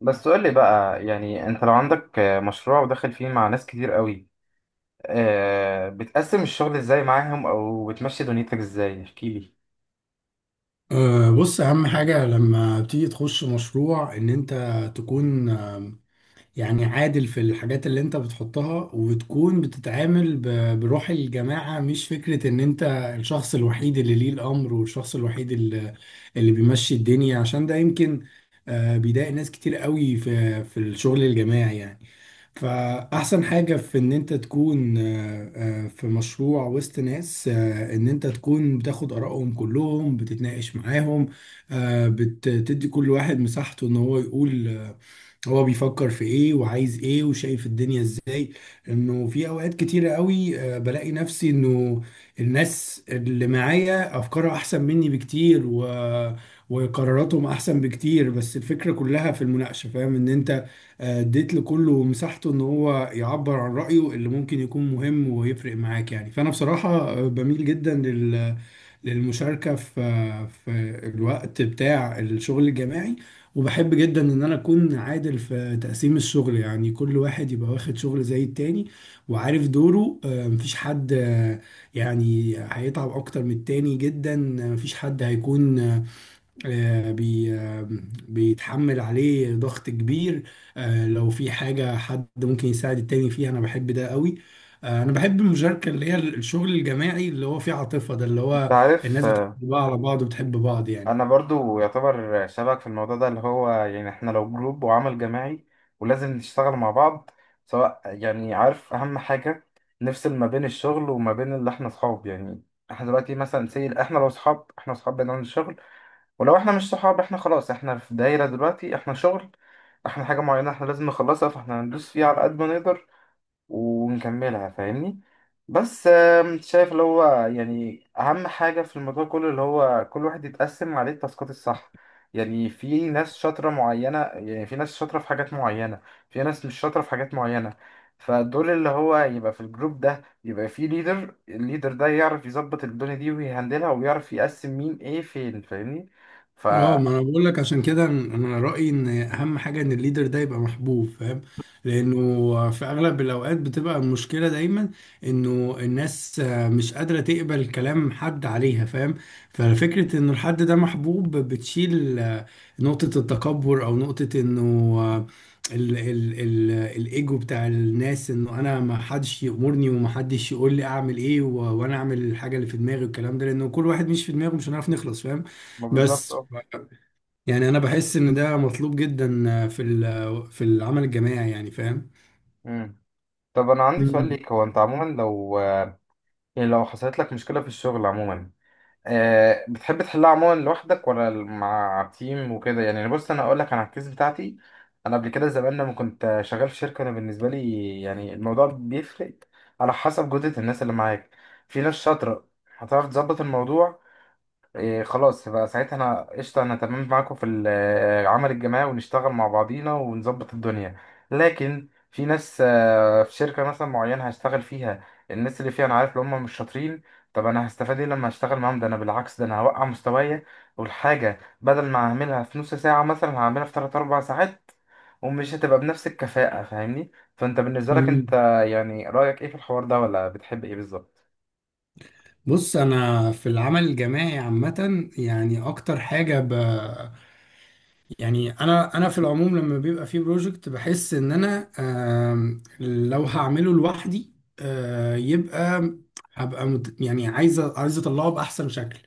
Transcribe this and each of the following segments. بس قول لي بقى، يعني انت لو عندك مشروع وداخل فيه مع ناس كتير قوي، بتقسم الشغل ازاي معاهم او بتمشي دنيتك ازاي؟ احكي لي. بص أهم حاجة لما بتيجي تخش مشروع إن أنت تكون يعني عادل في الحاجات اللي أنت بتحطها وتكون بتتعامل بروح الجماعة، مش فكرة إن أنت الشخص الوحيد اللي ليه الأمر والشخص الوحيد اللي بيمشي الدنيا. عشان ده يمكن بيضايق ناس كتير قوي في الشغل الجماعي يعني. فأحسن حاجة في إن أنت تكون في مشروع وسط ناس، إن أنت تكون بتاخد آرائهم كلهم، بتتناقش معاهم، بتدي كل واحد مساحته إن هو يقول هو بيفكر في ايه وعايز ايه وشايف الدنيا ازاي. انه في اوقات كتيرة قوي بلاقي نفسي انه الناس اللي معايا افكارها احسن مني بكتير وقراراتهم احسن بكتير. بس الفكرة كلها في المناقشة، فاهم؟ ان انت اديت لكله مساحته ان هو يعبر عن رأيه اللي ممكن يكون مهم ويفرق معاك يعني. فانا بصراحة بميل جدا للمشاركة في الوقت بتاع الشغل الجماعي. وبحب جدا ان انا اكون عادل في تقسيم الشغل، يعني كل واحد يبقى واخد شغل زي التاني وعارف دوره. مفيش حد يعني هيتعب اكتر من التاني جدا. مفيش حد هيكون آه، بي آه، بيتحمل عليه ضغط كبير. لو في حاجة حد ممكن يساعد التاني فيها، انا بحب ده قوي. انا بحب المشاركة، اللي هي الشغل الجماعي اللي هو فيه عاطفة، ده اللي انت هو عارف، الناس بتحب بعض على بعض وبتحب بعض يعني. انا برضو يعتبر شبك في الموضوع ده، اللي هو يعني احنا لو جروب وعمل جماعي ولازم نشتغل مع بعض، سواء يعني عارف اهم حاجة نفصل ما بين الشغل وما بين اللي احنا اصحاب. يعني احنا دلوقتي مثلا، سي احنا لو اصحاب، احنا اصحاب بنعمل شغل، ولو احنا مش صحاب احنا خلاص، احنا في دايرة دلوقتي، احنا شغل، احنا حاجة معينة احنا لازم نخلصها، فاحنا هندوس فيها على قد ما نقدر ونكملها، فاهمني؟ بس شايف اللي هو يعني أهم حاجة في الموضوع كله اللي هو كل واحد يتقسم عليه التاسكات الصح. يعني في ناس شاطرة معينة، يعني في ناس شاطرة في حاجات معينة، في ناس مش شاطرة في حاجات معينة. فدول اللي هو يبقى في الجروب ده يبقى في ليدر، الليدر ده يعرف يظبط الدنيا دي ويهندلها ويعرف يقسم مين ايه فين، فاهمني؟ ف اه ما انا بقول لك، عشان كده انا رايي ان اهم حاجه ان الليدر ده يبقى محبوب، فاهم؟ لانه في اغلب الاوقات بتبقى المشكله دايما انه الناس مش قادره تقبل كلام حد عليها، فاهم؟ ففكره ان الحد ده محبوب بتشيل نقطه التكبر او نقطه انه آه، ال الايجو بتاع الناس، انه انا ما حدش يامرني وما حدش يقول لي اعمل ايه، وانا اعمل الحاجه اللي في دماغي والكلام ده. لانه كل واحد مش في دماغه مش هنعرف نخلص، فاهم؟ ما بالظبط، بس اه. يعني انا بحس ان ده مطلوب جدا في في العمل الجماعي يعني، فاهم؟ مم. طب انا عندي سؤال مم. ليك. هو انت عموما لو، يعني لو حصلت لك مشكلة في الشغل عموما، بتحب تحلها عموما لوحدك ولا مع تيم وكده؟ يعني بص انا اقول لك، انا الكيس بتاعتي، انا قبل كده زمان لما كنت شغال في شركه، انا بالنسبه لي يعني الموضوع بيفرق على حسب جوده الناس اللي معاك. في ناس شاطره هتعرف تظبط الموضوع، إيه خلاص بقى ساعتها انا قشطه، انا تمام معاكم في العمل الجماعي ونشتغل مع بعضينا ونظبط الدنيا. لكن في ناس في شركه مثلا معينه هشتغل فيها، الناس اللي فيها انا عارف ان هم مش شاطرين. طب انا هستفاد ايه لما هشتغل معاهم؟ ده انا بالعكس، ده انا هوقع مستوايا، والحاجه بدل ما هعملها في نص ساعه مثلا هعملها في 3 4 ساعات، ومش هتبقى بنفس الكفاءه، فاهمني؟ فانت بالنسبه لك، مم. انت يعني رايك ايه في الحوار ده ولا بتحب ايه بالظبط؟ بص انا في العمل الجماعي عامه، يعني اكتر حاجه يعني انا في العموم لما بيبقى في بروجكت بحس ان انا لو هعمله لوحدي يبقى هبقى يعني عايز اطلعه باحسن شكل.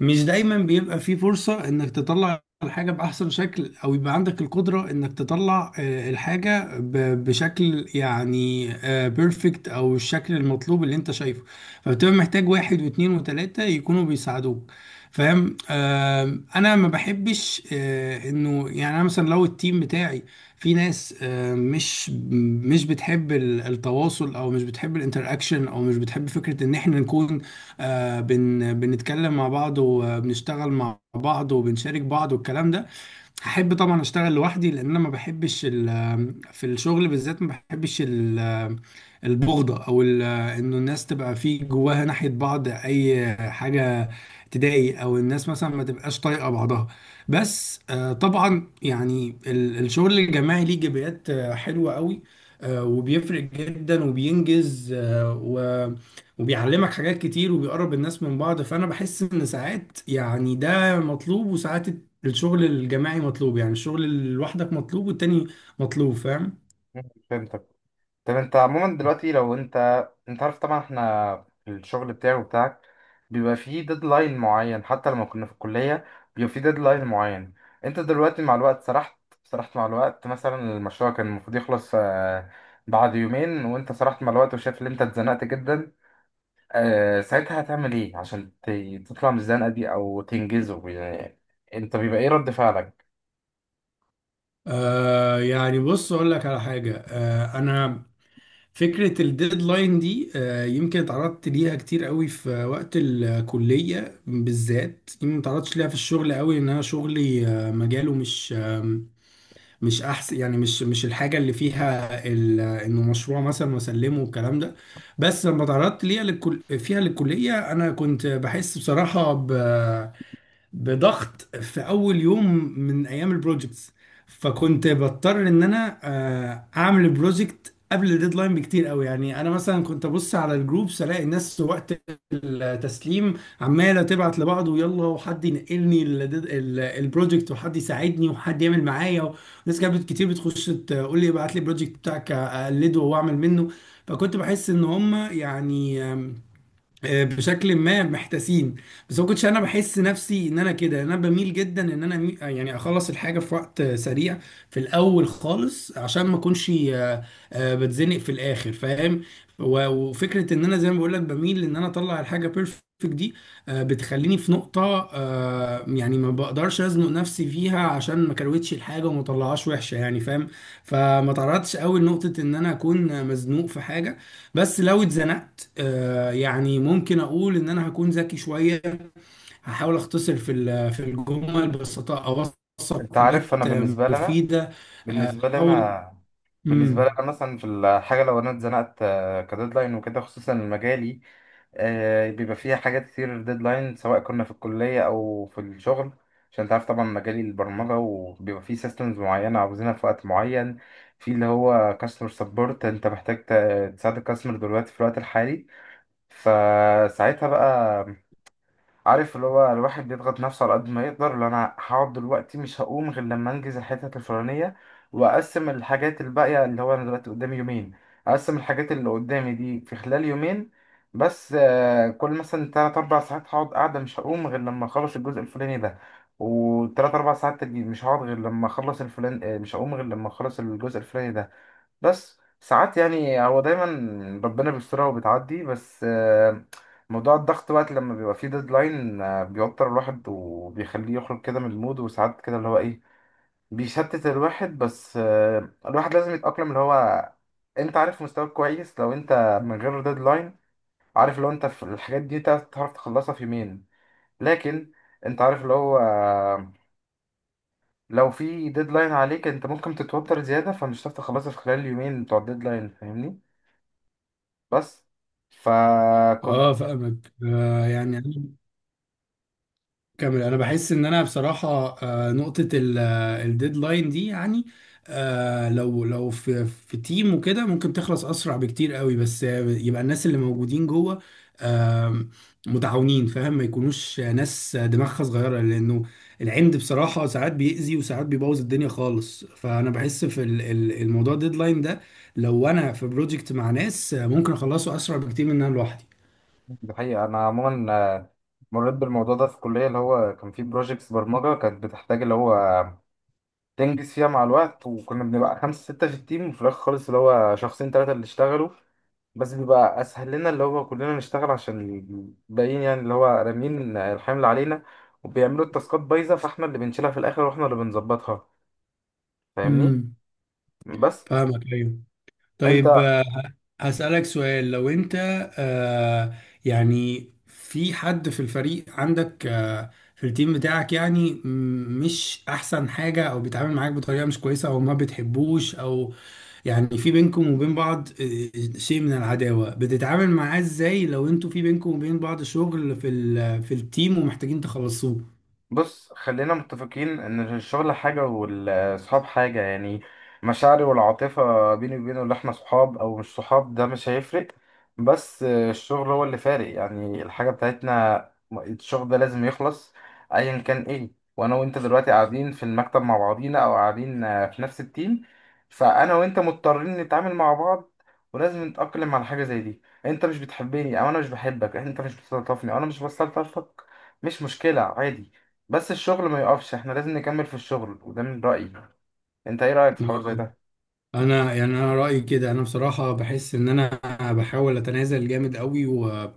مش دايما بيبقى في فرصة انك تطلع الحاجة باحسن شكل، او يبقى عندك القدرة انك تطلع الحاجة بشكل يعني بيرفكت او الشكل المطلوب اللي انت شايفه. فبتبقى محتاج واحد واثنين وثلاثة يكونوا بيساعدوك، فاهم؟ انا ما بحبش انه يعني انا مثلا لو التيم بتاعي في ناس مش بتحب التواصل، او مش بتحب الانتراكشن، او مش بتحب فكرة ان احنا نكون آه، بن بنتكلم مع بعض وبنشتغل مع بعض وبنشارك بعض والكلام ده، هحب طبعا اشتغل لوحدي. لان انا ما بحبش في الشغل بالذات ما بحبش البغضة او انه الناس تبقى في جواها ناحية بعض اي حاجة تضايق، او الناس مثلا ما تبقاش طايقة بعضها. بس طبعا يعني الشغل الجماعي ليه ايجابيات حلوة قوي. وبيفرق جدا وبينجز آه، و وبيعلمك حاجات كتير وبيقرب الناس من بعض. فانا بحس ان ساعات يعني ده مطلوب، وساعات الشغل الجماعي مطلوب، يعني الشغل لوحدك مطلوب والتاني مطلوب، فاهم؟ مم، فهمتك. طب انت عموما دلوقتي لو انت عارف طبعا احنا في الشغل بتاعي وبتاعك بيبقى فيه ديدلاين معين، حتى لما كنا في الكلية بيبقى فيه ديدلاين معين. انت دلوقتي مع الوقت سرحت مع الوقت، مثلا المشروع كان المفروض يخلص بعد يومين وانت سرحت مع الوقت وشايف ان انت اتزنقت جدا. ساعتها هتعمل ايه عشان تطلع من الزنقة دي او تنجزه يعني؟ انت بيبقى ايه رد فعلك؟ آه يعني بص اقول لك على حاجه، آه انا فكره الديدلاين دي آه يمكن اتعرضت ليها كتير قوي في وقت الكليه بالذات. يمكن ما اتعرضتش ليها في الشغل قوي، ان انا شغلي آه مجاله مش احسن، يعني مش الحاجه اللي فيها انه مشروع مثلا واسلمه والكلام ده. بس لما اتعرضت ليها للكليه، انا كنت بحس بصراحه بضغط في اول يوم من ايام البروجكتس. فكنت بضطر ان انا اعمل البروجكت قبل الديدلاين بكتير قوي. يعني انا مثلا كنت ابص على الجروبس الاقي الناس وقت التسليم عماله تبعت لبعض، ويلا وحد ينقلني البروجكت، وحد يساعدني، وحد يعمل معايا. ناس كانت كتير بتخش تقول لي ابعت لي البروجكت بتاعك اقلده واعمل منه. فكنت بحس ان هم يعني بشكل ما محتاسين. بس ما كنتش انا بحس نفسي ان انا كده، انا بميل جدا ان انا يعني اخلص الحاجه في وقت سريع في الاول خالص، عشان ما اكونش بتزنق في الاخر، فاهم؟ وفكره ان انا زي ما بقول لك بميل ان انا اطلع الحاجه بيرفكت دي بتخليني في نقطه يعني ما بقدرش ازنق نفسي فيها، عشان ما كروتش الحاجه وما طلعهاش وحشه يعني، فاهم؟ فما تعرضتش قوي لنقطه ان انا اكون مزنوق في حاجه. بس لو اتزنقت يعني ممكن اقول ان انا هكون ذكي شويه. هحاول اختصر في في الجمل، بس اوثق انت عارف، انا حاجات بالنسبة لنا، مفيده. بالنسبة لي احاول. أنا، بالنسبة لي امم أنا مثلا في الحاجة لو أنا اتزنقت كديدلاين وكده، خصوصا مجالي بيبقى فيها حاجات كتير ديدلاين، سواء كنا في الكلية أو في الشغل، عشان أنت عارف طبعا مجالي البرمجة وبيبقى فيه سيستمز معينة عاوزينها في وقت معين، في اللي هو كاستمر سبورت، أنت محتاج تساعد الكاستمر دلوقتي في الوقت الحالي. فساعتها بقى، عارف اللي هو الواحد بيضغط نفسه على قد ما يقدر، اللي انا هقعد دلوقتي مش هقوم غير لما انجز الحتت الفلانيه، واقسم الحاجات الباقيه، اللي هو انا دلوقتي قدامي يومين، اقسم الحاجات اللي قدامي دي في خلال يومين. بس كل مثلا تلات أربع ساعات هقعد قاعدة مش هقوم غير لما أخلص الجزء الفلاني ده، وتلات أربع ساعات تاني مش هقعد غير لما أخلص الفلان، مش هقوم غير لما أخلص الجزء الفلاني ده. بس ساعات يعني هو دايما ربنا بيسترها وبتعدي. بس موضوع الضغط بقى لما بيبقى فيه ديدلاين بيوتر الواحد وبيخليه يخرج كده من المود، وساعات كده اللي هو ايه، بيشتت الواحد. بس الواحد لازم يتأقلم، اللي هو انت عارف مستواك كويس لو انت من غير ديدلاين، عارف لو انت في الحاجات دي تعرف تخلصها في يومين، لكن انت عارف اللي هو لو في ديدلاين عليك، انت ممكن تتوتر زيادة فمش هتعرف تخلصها في خلال اليومين بتوع الديدلاين، فاهمني؟ بس فكنت. اه فاهمك. يعني كامل، انا بحس ان انا بصراحه نقطه الديدلاين دي، يعني آه، لو لو في في تيم وكده ممكن تخلص اسرع بكتير قوي. بس يبقى الناس اللي موجودين جوه آم، متعاونين، فاهم؟ ما يكونوش ناس دماغها صغيره، لانه العند بصراحه ساعات بيأذي وساعات بيبوظ الدنيا خالص. فانا بحس في الموضوع الديدلاين ده لو انا في بروجكت مع ناس ممكن اخلصه اسرع بكتير من ان انا لوحدي. الحقيقة أنا عموما مريت بالموضوع ده في الكلية، اللي هو كان فيه بروجيكتس برمجة كانت بتحتاج اللي هو تنجز فيها مع الوقت، وكنا بنبقى خمسة ستة في التيم، وفي الآخر خالص اللي هو شخصين تلاتة اللي اشتغلوا. بس بيبقى أسهل لنا اللي هو كلنا نشتغل، عشان الباقيين يعني اللي هو رامين الحمل علينا وبيعملوا التاسكات بايظة، فاحنا اللي بنشيلها في الآخر واحنا اللي بنظبطها، فاهمني؟ امم. بس فاهمك. ايوه. انت، طيب هسألك سؤال، لو انت آه يعني في حد في الفريق عندك، في التيم بتاعك، يعني مش احسن حاجة، او بيتعامل معاك بطريقة مش كويسة، او ما بتحبوش، او يعني في بينكم وبين بعض شيء من العداوة، بتتعامل معاه ازاي لو انتوا في بينكم وبين بعض شغل في في التيم ومحتاجين تخلصوه؟ بص خلينا متفقين ان الشغل حاجة والصحاب حاجة. يعني مشاعري والعاطفة بيني وبينه اللي احنا صحاب او مش صحاب ده مش هيفرق، بس الشغل هو اللي فارق. يعني الحاجة بتاعتنا، الشغل ده لازم يخلص ايا كان ايه. وانا وانت دلوقتي قاعدين في المكتب مع بعضينا او قاعدين في نفس التيم، فانا وانت مضطرين نتعامل مع بعض، ولازم نتأقلم على حاجة زي دي. انت مش بتحبني او انا مش بحبك، انت مش بتستلطفني او انا مش بستلطفك، مش مشكلة، عادي. بس الشغل ما يقفش، احنا لازم نكمل في الشغل، وده من رأيي. انت ايه رأيك في حوار زي اه، ده؟ انا يعني انا رايي كده، انا بصراحه بحس ان انا بحاول اتنازل جامد قوي. و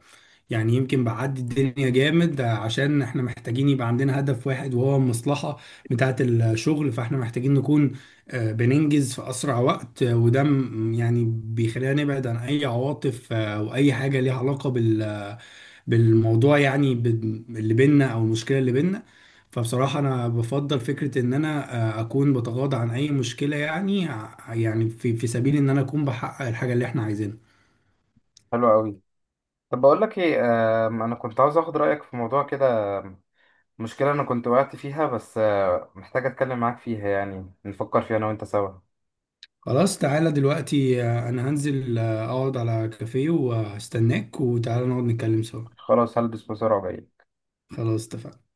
يعني يمكن بعدي الدنيا جامد، عشان احنا محتاجين يبقى عندنا هدف واحد وهو المصلحه بتاعه الشغل. فاحنا محتاجين نكون بننجز في اسرع وقت. وده يعني بيخلينا نبعد عن اي عواطف واي حاجه ليها علاقه بالموضوع يعني، اللي بينا او المشكله اللي بينا. فبصراحه انا بفضل فكره ان انا اكون بتغاضى عن اي مشكله يعني، يعني في سبيل ان انا اكون بحقق الحاجه اللي احنا عايزينها. حلو قوي. طب بقول لك ايه، انا كنت عاوز اخد رأيك في موضوع كده، مشكلة انا كنت وقعت فيها، بس محتاج اتكلم معاك فيها، يعني نفكر فيها انا وانت سوا. خلاص، تعالى دلوقتي انا هنزل اقعد على كافيه وهستناك، وتعالى نقعد نتكلم سوا. خلاص هلبس بسرعة وجاي. خلاص اتفقنا.